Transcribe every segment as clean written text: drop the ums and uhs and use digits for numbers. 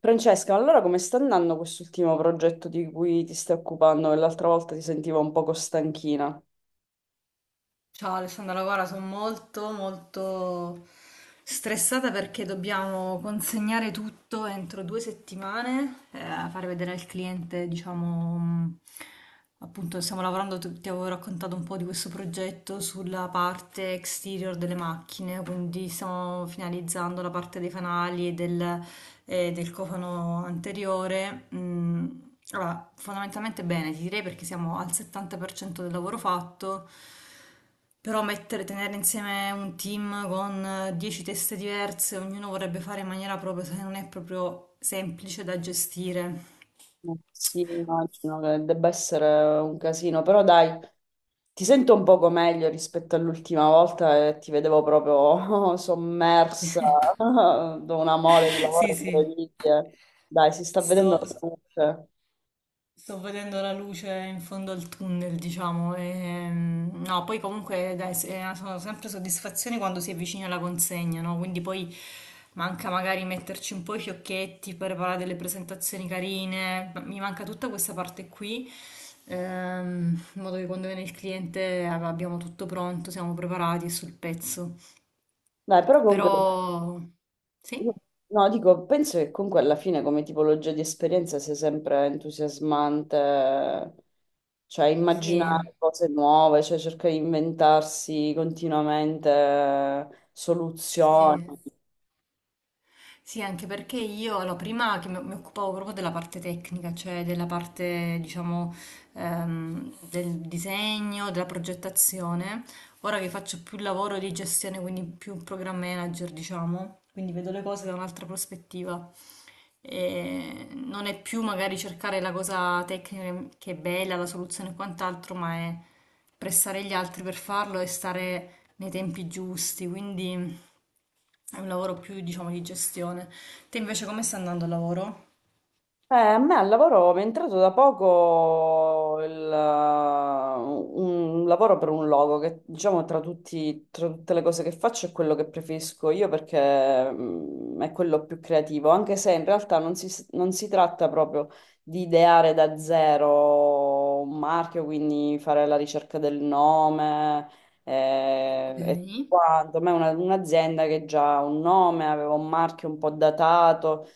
Francesca, allora come sta andando quest'ultimo progetto di cui ti stai occupando? Che l'altra volta ti sentivo un poco stanchina. Ciao Alessandra, guarda, sono molto stressata perché dobbiamo consegnare tutto entro due settimane, fare vedere al cliente, diciamo, appunto stiamo lavorando, ti avevo raccontato un po' di questo progetto sulla parte exterior delle macchine, quindi stiamo finalizzando la parte dei fanali e del cofano anteriore. Allora, fondamentalmente bene, ti direi perché siamo al 70% del lavoro fatto. Però mettere, tenere insieme un team con 10 teste diverse, ognuno vorrebbe fare in maniera propria, se non è proprio semplice da gestire. Sì, immagino che debba essere un casino, però dai, ti sento un poco meglio rispetto all'ultima volta e ti vedevo proprio sommersa da una mole di Sì, lavoro sì, incredibile. Dai, si sta vedendo sto, la luce. Sto vedendo la luce in fondo al tunnel, diciamo. No, poi comunque dai, sono sempre soddisfazioni quando si avvicina la consegna, no? Quindi poi manca magari metterci un po' i fiocchetti, preparare delle presentazioni carine. Mi manca tutta questa parte qui, in modo che quando viene il cliente abbiamo tutto pronto, siamo preparati e sul pezzo. Dai, però comunque. Però sì, No, no, dico, penso che comunque alla fine come tipologia di esperienza sia sempre entusiasmante, cioè sì, immaginare cose nuove, cioè cercare di inventarsi continuamente soluzioni. sì. Sì, anche perché io, allora, prima che mi occupavo proprio della parte tecnica, cioè della parte, diciamo, del disegno, della progettazione, ora che faccio più lavoro di gestione, quindi più program manager, diciamo, quindi vedo le cose da un'altra prospettiva. E non è più magari cercare la cosa tecnica che è bella, la soluzione e quant'altro, ma è pressare gli altri per farlo e stare nei tempi giusti, quindi... È un lavoro più, diciamo, di gestione. Te invece come stai andando al lavoro? A me al lavoro mi è entrato da poco un lavoro per un logo che diciamo tra tutte le cose che faccio è quello che preferisco io perché è quello più creativo, anche se in realtà non si tratta proprio di ideare da zero un marchio, quindi fare la ricerca del nome e tutto Ok. quanto. A me è un'azienda che già ha un nome, aveva un marchio un po' datato.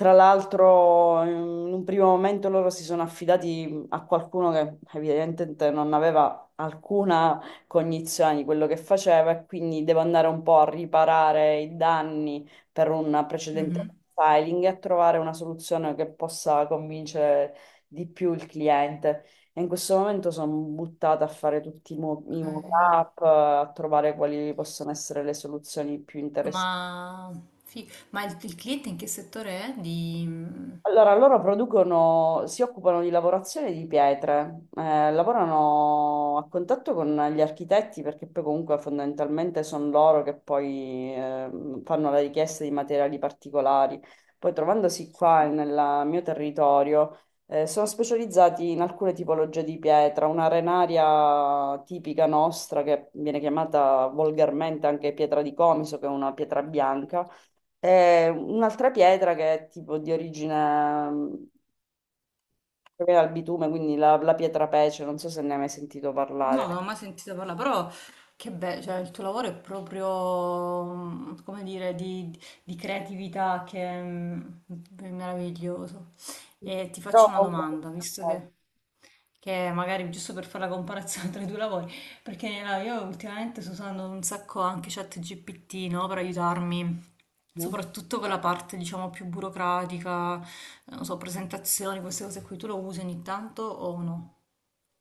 Tra l'altro, in un primo momento loro si sono affidati a qualcuno che evidentemente non aveva alcuna cognizione di quello che faceva e quindi devo andare un po' a riparare i danni per un precedente Mhm. filing e a trovare una soluzione che possa convincere di più il cliente. E in questo momento sono buttata a fare tutti i Ok. mock-up, a trovare quali possono essere le soluzioni più interessanti. Ma, ma il cliente in che settore è? Allora, loro producono, si occupano di lavorazione di pietre, lavorano a contatto con gli architetti perché poi comunque fondamentalmente sono loro che poi fanno la richiesta di materiali particolari. Poi trovandosi Sì. qua nel mio territorio, sono specializzati in alcune tipologie di pietra, una arenaria tipica nostra che viene chiamata volgarmente anche pietra di Comiso, che è una pietra bianca e un'altra pietra che è tipo di origine mm, proviene dal bitume, quindi la pietra pece, non so se ne hai mai sentito No, non ho parlare. mai sentito parlare, però che bello, cioè il tuo lavoro è proprio, come dire, di creatività che è, è meraviglioso. E ti No, faccio una comunque. domanda, che magari giusto per fare la comparazione tra i due lavori, perché no, io ultimamente sto usando un sacco anche ChatGPT, no, per aiutarmi. eh, Soprattutto quella parte, diciamo, più burocratica, non so, presentazioni, queste cose qui, tu lo usi ogni tanto o no?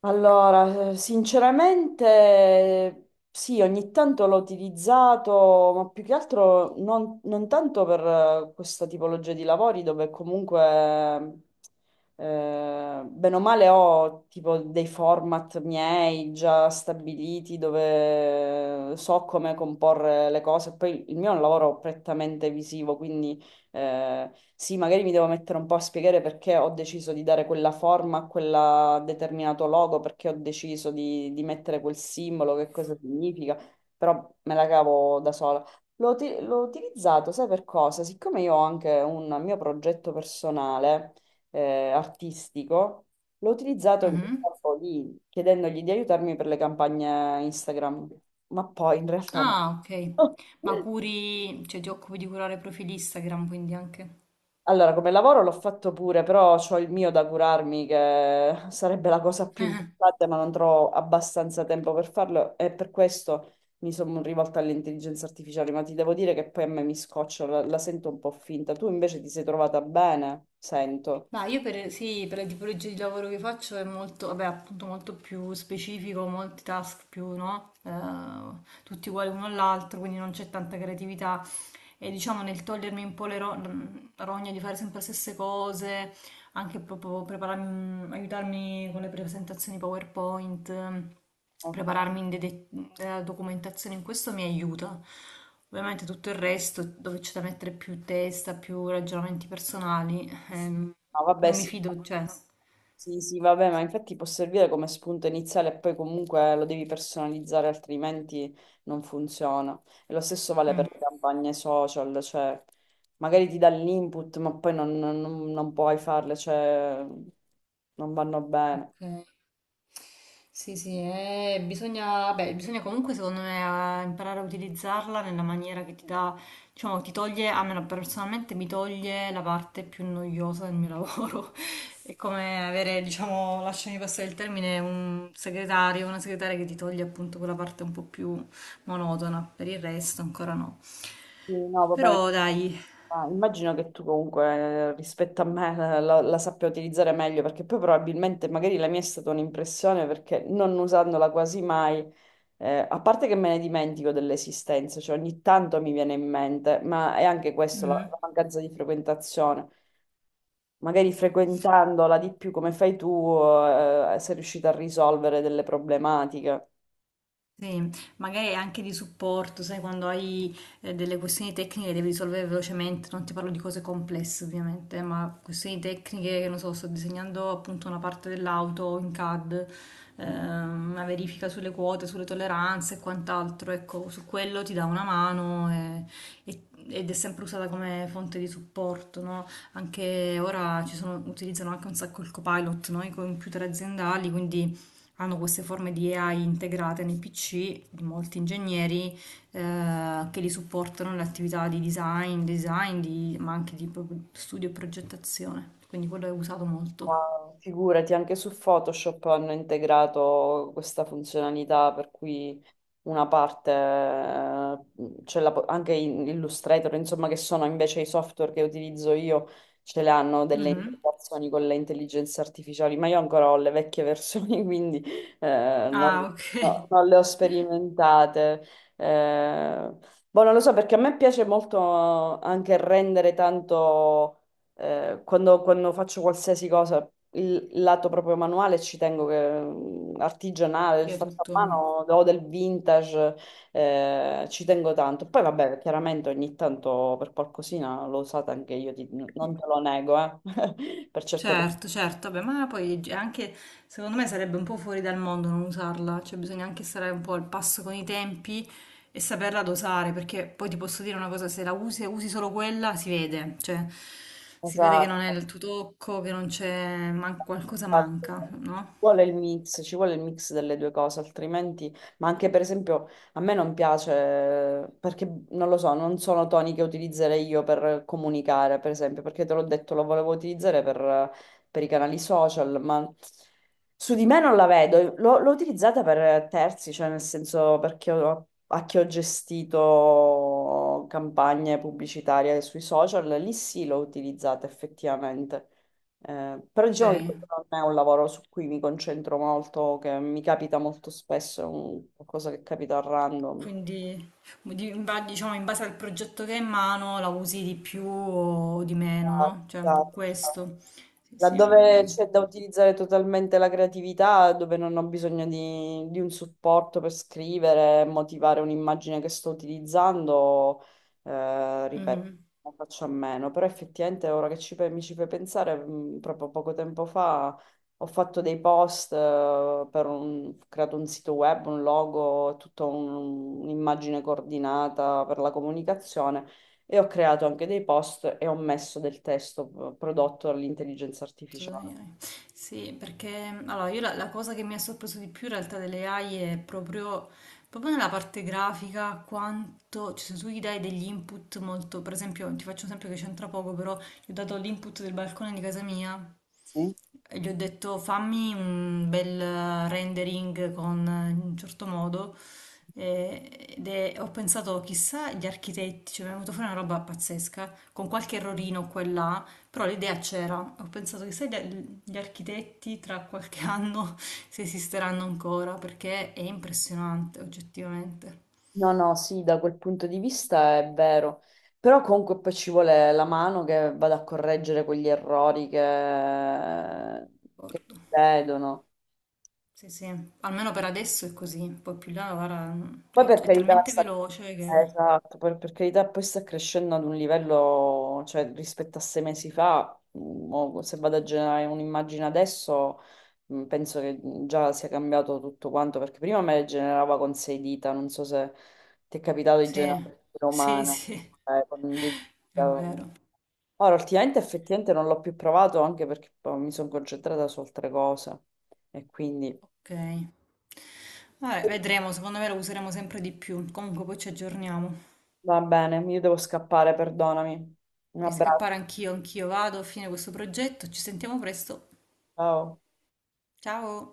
Allora, sinceramente sì, ogni tanto l'ho utilizzato, ma più che altro non tanto per questa tipologia di lavori dove comunque, bene o male, ho tipo dei format miei già stabiliti dove so come comporre le cose. Poi il mio è un lavoro prettamente visivo, quindi sì, magari mi devo mettere un po' a spiegare perché ho deciso di dare quella forma a quel determinato logo, perché ho deciso di mettere quel simbolo, che cosa significa, però me la cavo da sola. L'ho utilizzato, sai per cosa? Siccome io ho anche un mio progetto personale, artistico, l'ho utilizzato in quel Mhm. campo lì, chiedendogli di aiutarmi per le campagne Instagram, ma poi in realtà no. Ah, ok. Ma curi, cioè ti occupi di curare profili Instagram, quindi anche. Allora, come lavoro l'ho fatto pure, però ho il mio da curarmi, che sarebbe la cosa più importante, ma non trovo abbastanza tempo per farlo e per questo mi sono rivolta all'intelligenza artificiale, ma ti devo dire che poi a me mi scoccia, la sento un po' finta. Tu invece ti sei trovata bene, sento. Ma io per, sì, per la tipologia di lavoro che faccio è molto, vabbè, appunto molto più specifico, molti task più, no? Tutti uguali uno all'altro, quindi non c'è tanta creatività. E diciamo nel togliermi un po' le rogne di fare sempre le stesse cose, anche proprio prepararmi, aiutarmi con le presentazioni PowerPoint, Ok. prepararmi in della documentazione, in questo mi aiuta. Ovviamente tutto il resto, dove c'è da mettere più testa, più ragionamenti personali, No, vabbè, non mi sì. fido, cioè. Sì, sì, vabbè, ma infatti può servire come spunto iniziale e poi comunque lo devi personalizzare, altrimenti non funziona. E lo stesso vale Mhm. per le campagne social, cioè magari ti dà l'input, ma poi non puoi farle, cioè non vanno bene. Ok. Sì, sì, bisogna, beh, bisogna comunque secondo me imparare a utilizzarla nella maniera che ti dà, diciamo, ti toglie, a me personalmente mi toglie la parte più noiosa del mio lavoro. È come avere, diciamo, lasciami passare il termine, un segretario, una segretaria che ti toglie appunto quella parte un po' più monotona, per il resto ancora no. Sì, no, vabbè, Però dai. ma immagino che tu comunque rispetto a me la sappia utilizzare meglio, perché poi probabilmente magari la mia è stata un'impressione perché non usandola quasi mai. A parte che me ne dimentico dell'esistenza, cioè ogni tanto mi viene in mente, ma è anche questo, la, Mhm. la mancanza di frequentazione. Magari frequentandola di più come fai tu, sei riuscita a risolvere delle problematiche. Sì, magari anche di supporto, sai, quando hai delle questioni tecniche devi risolvere velocemente, non ti parlo di cose complesse ovviamente, ma questioni tecniche, che non so, sto disegnando appunto una parte dell'auto in CAD, una verifica sulle quote, sulle tolleranze e quant'altro, ecco, su quello ti dà una mano ed è sempre usata come fonte di supporto, no? Anche ora utilizzano anche un sacco il Copilot, no? I computer aziendali, quindi hanno queste forme di AI integrate nei PC di molti ingegneri che li supportano nelle attività di design, ma anche di proprio studio e progettazione. Quindi quello è usato molto. Ma figurati, anche su Photoshop hanno integrato questa funzionalità per cui una parte, anche in Illustrator, insomma, che sono invece i software che utilizzo io, ce le hanno delle Mhm. integrazioni con le intelligenze artificiali, ma io ancora ho le vecchie versioni, quindi non, Ah, ok. no, non le ho sperimentate. Eh, Boh, non lo so, perché a me piace molto anche rendere tanto quando faccio qualsiasi cosa, il lato proprio manuale ci tengo che artigianale, il Quindi è fatto a mano tutto. o del vintage, ci tengo tanto. Poi vabbè, chiaramente ogni tanto per qualcosina l'ho usata anche io, non te lo nego, per certe persone. Certo, certo, beh, ma poi è anche secondo me sarebbe un po' fuori dal mondo non usarla, cioè bisogna anche stare un po' al passo con i tempi e saperla dosare, perché poi ti posso dire una cosa, se la usi e usi solo quella si vede, cioè si vede che non è Esatto. il tuo tocco, che non c'è, qualcosa Esatto. manca, Ci no? vuole il mix, ci vuole il mix delle due cose, altrimenti, ma anche per esempio a me non piace perché non lo so, non sono toni che utilizzerei io per comunicare, per esempio, perché te l'ho detto, lo volevo utilizzare per i canali social, ma su di me non la vedo, l'ho utilizzata per terzi, cioè nel senso perché a chi ho gestito campagne pubblicitarie sui social, lì sì l'ho utilizzata effettivamente. Però Ok, diciamo che questo non è un lavoro su cui mi concentro molto, che mi capita molto spesso, è un qualcosa che capita a random. quindi diciamo in base al progetto che hai in mano la usi di più o di meno, Ah, no? Cioè un po' esatto. questo, sì, sì, è Laddove un c'è po' da utilizzare totalmente la creatività, dove non ho bisogno di un supporto per scrivere, motivare un'immagine che sto utilizzando, ripeto, così. ne faccio a meno. Però effettivamente ora che mi ci fai pensare, proprio poco tempo fa ho fatto dei post, ho creato un sito web, un logo, tutta un'immagine coordinata per la comunicazione. E ho creato anche dei post e ho messo del testo prodotto dall'intelligenza artificiale. Assolutamente. Sì, perché allora io la cosa che mi ha sorpreso di più in realtà delle AI è proprio, proprio nella parte grafica, quanto, cioè, se tu gli dai degli input molto, per esempio, ti faccio un esempio che c'entra poco, però gli ho dato l'input del balcone di casa mia, Sì. gli ho detto fammi un bel rendering con in un certo modo, ed ho pensato chissà gli architetti, cioè mi è venuta fuori una roba pazzesca con qualche errorino qua e là, però l'idea c'era. Ho pensato chissà gli architetti tra qualche anno se esisteranno ancora perché è impressionante oggettivamente. No, no, sì, da quel punto di vista è vero, però comunque poi ci vuole la mano che vada a correggere quegli errori che D'accordo. si vedono. Sì, sì, almeno per adesso è così, poi più là guarda, Poi è per è carità, talmente veloce che... esatto, per carità, poi sta crescendo ad un livello, cioè rispetto a 6 mesi fa, o se vado a generare un'immagine adesso, penso che già sia cambiato tutto quanto, perché prima me le generava con sei dita, non so se ti è capitato di Sì, generare sì, umano, sì, con un dito. è vero. Ora, ultimamente effettivamente non l'ho più provato anche perché poi mi sono concentrata su altre cose e quindi... Ok. Vabbè, vedremo, secondo me lo useremo sempre di più. Comunque poi ci aggiorniamo. Va bene, io devo scappare, perdonami. Un Devi scappare abbraccio, anch'io, anch'io vado a fine questo progetto. Ci sentiamo presto. ciao. Ciao!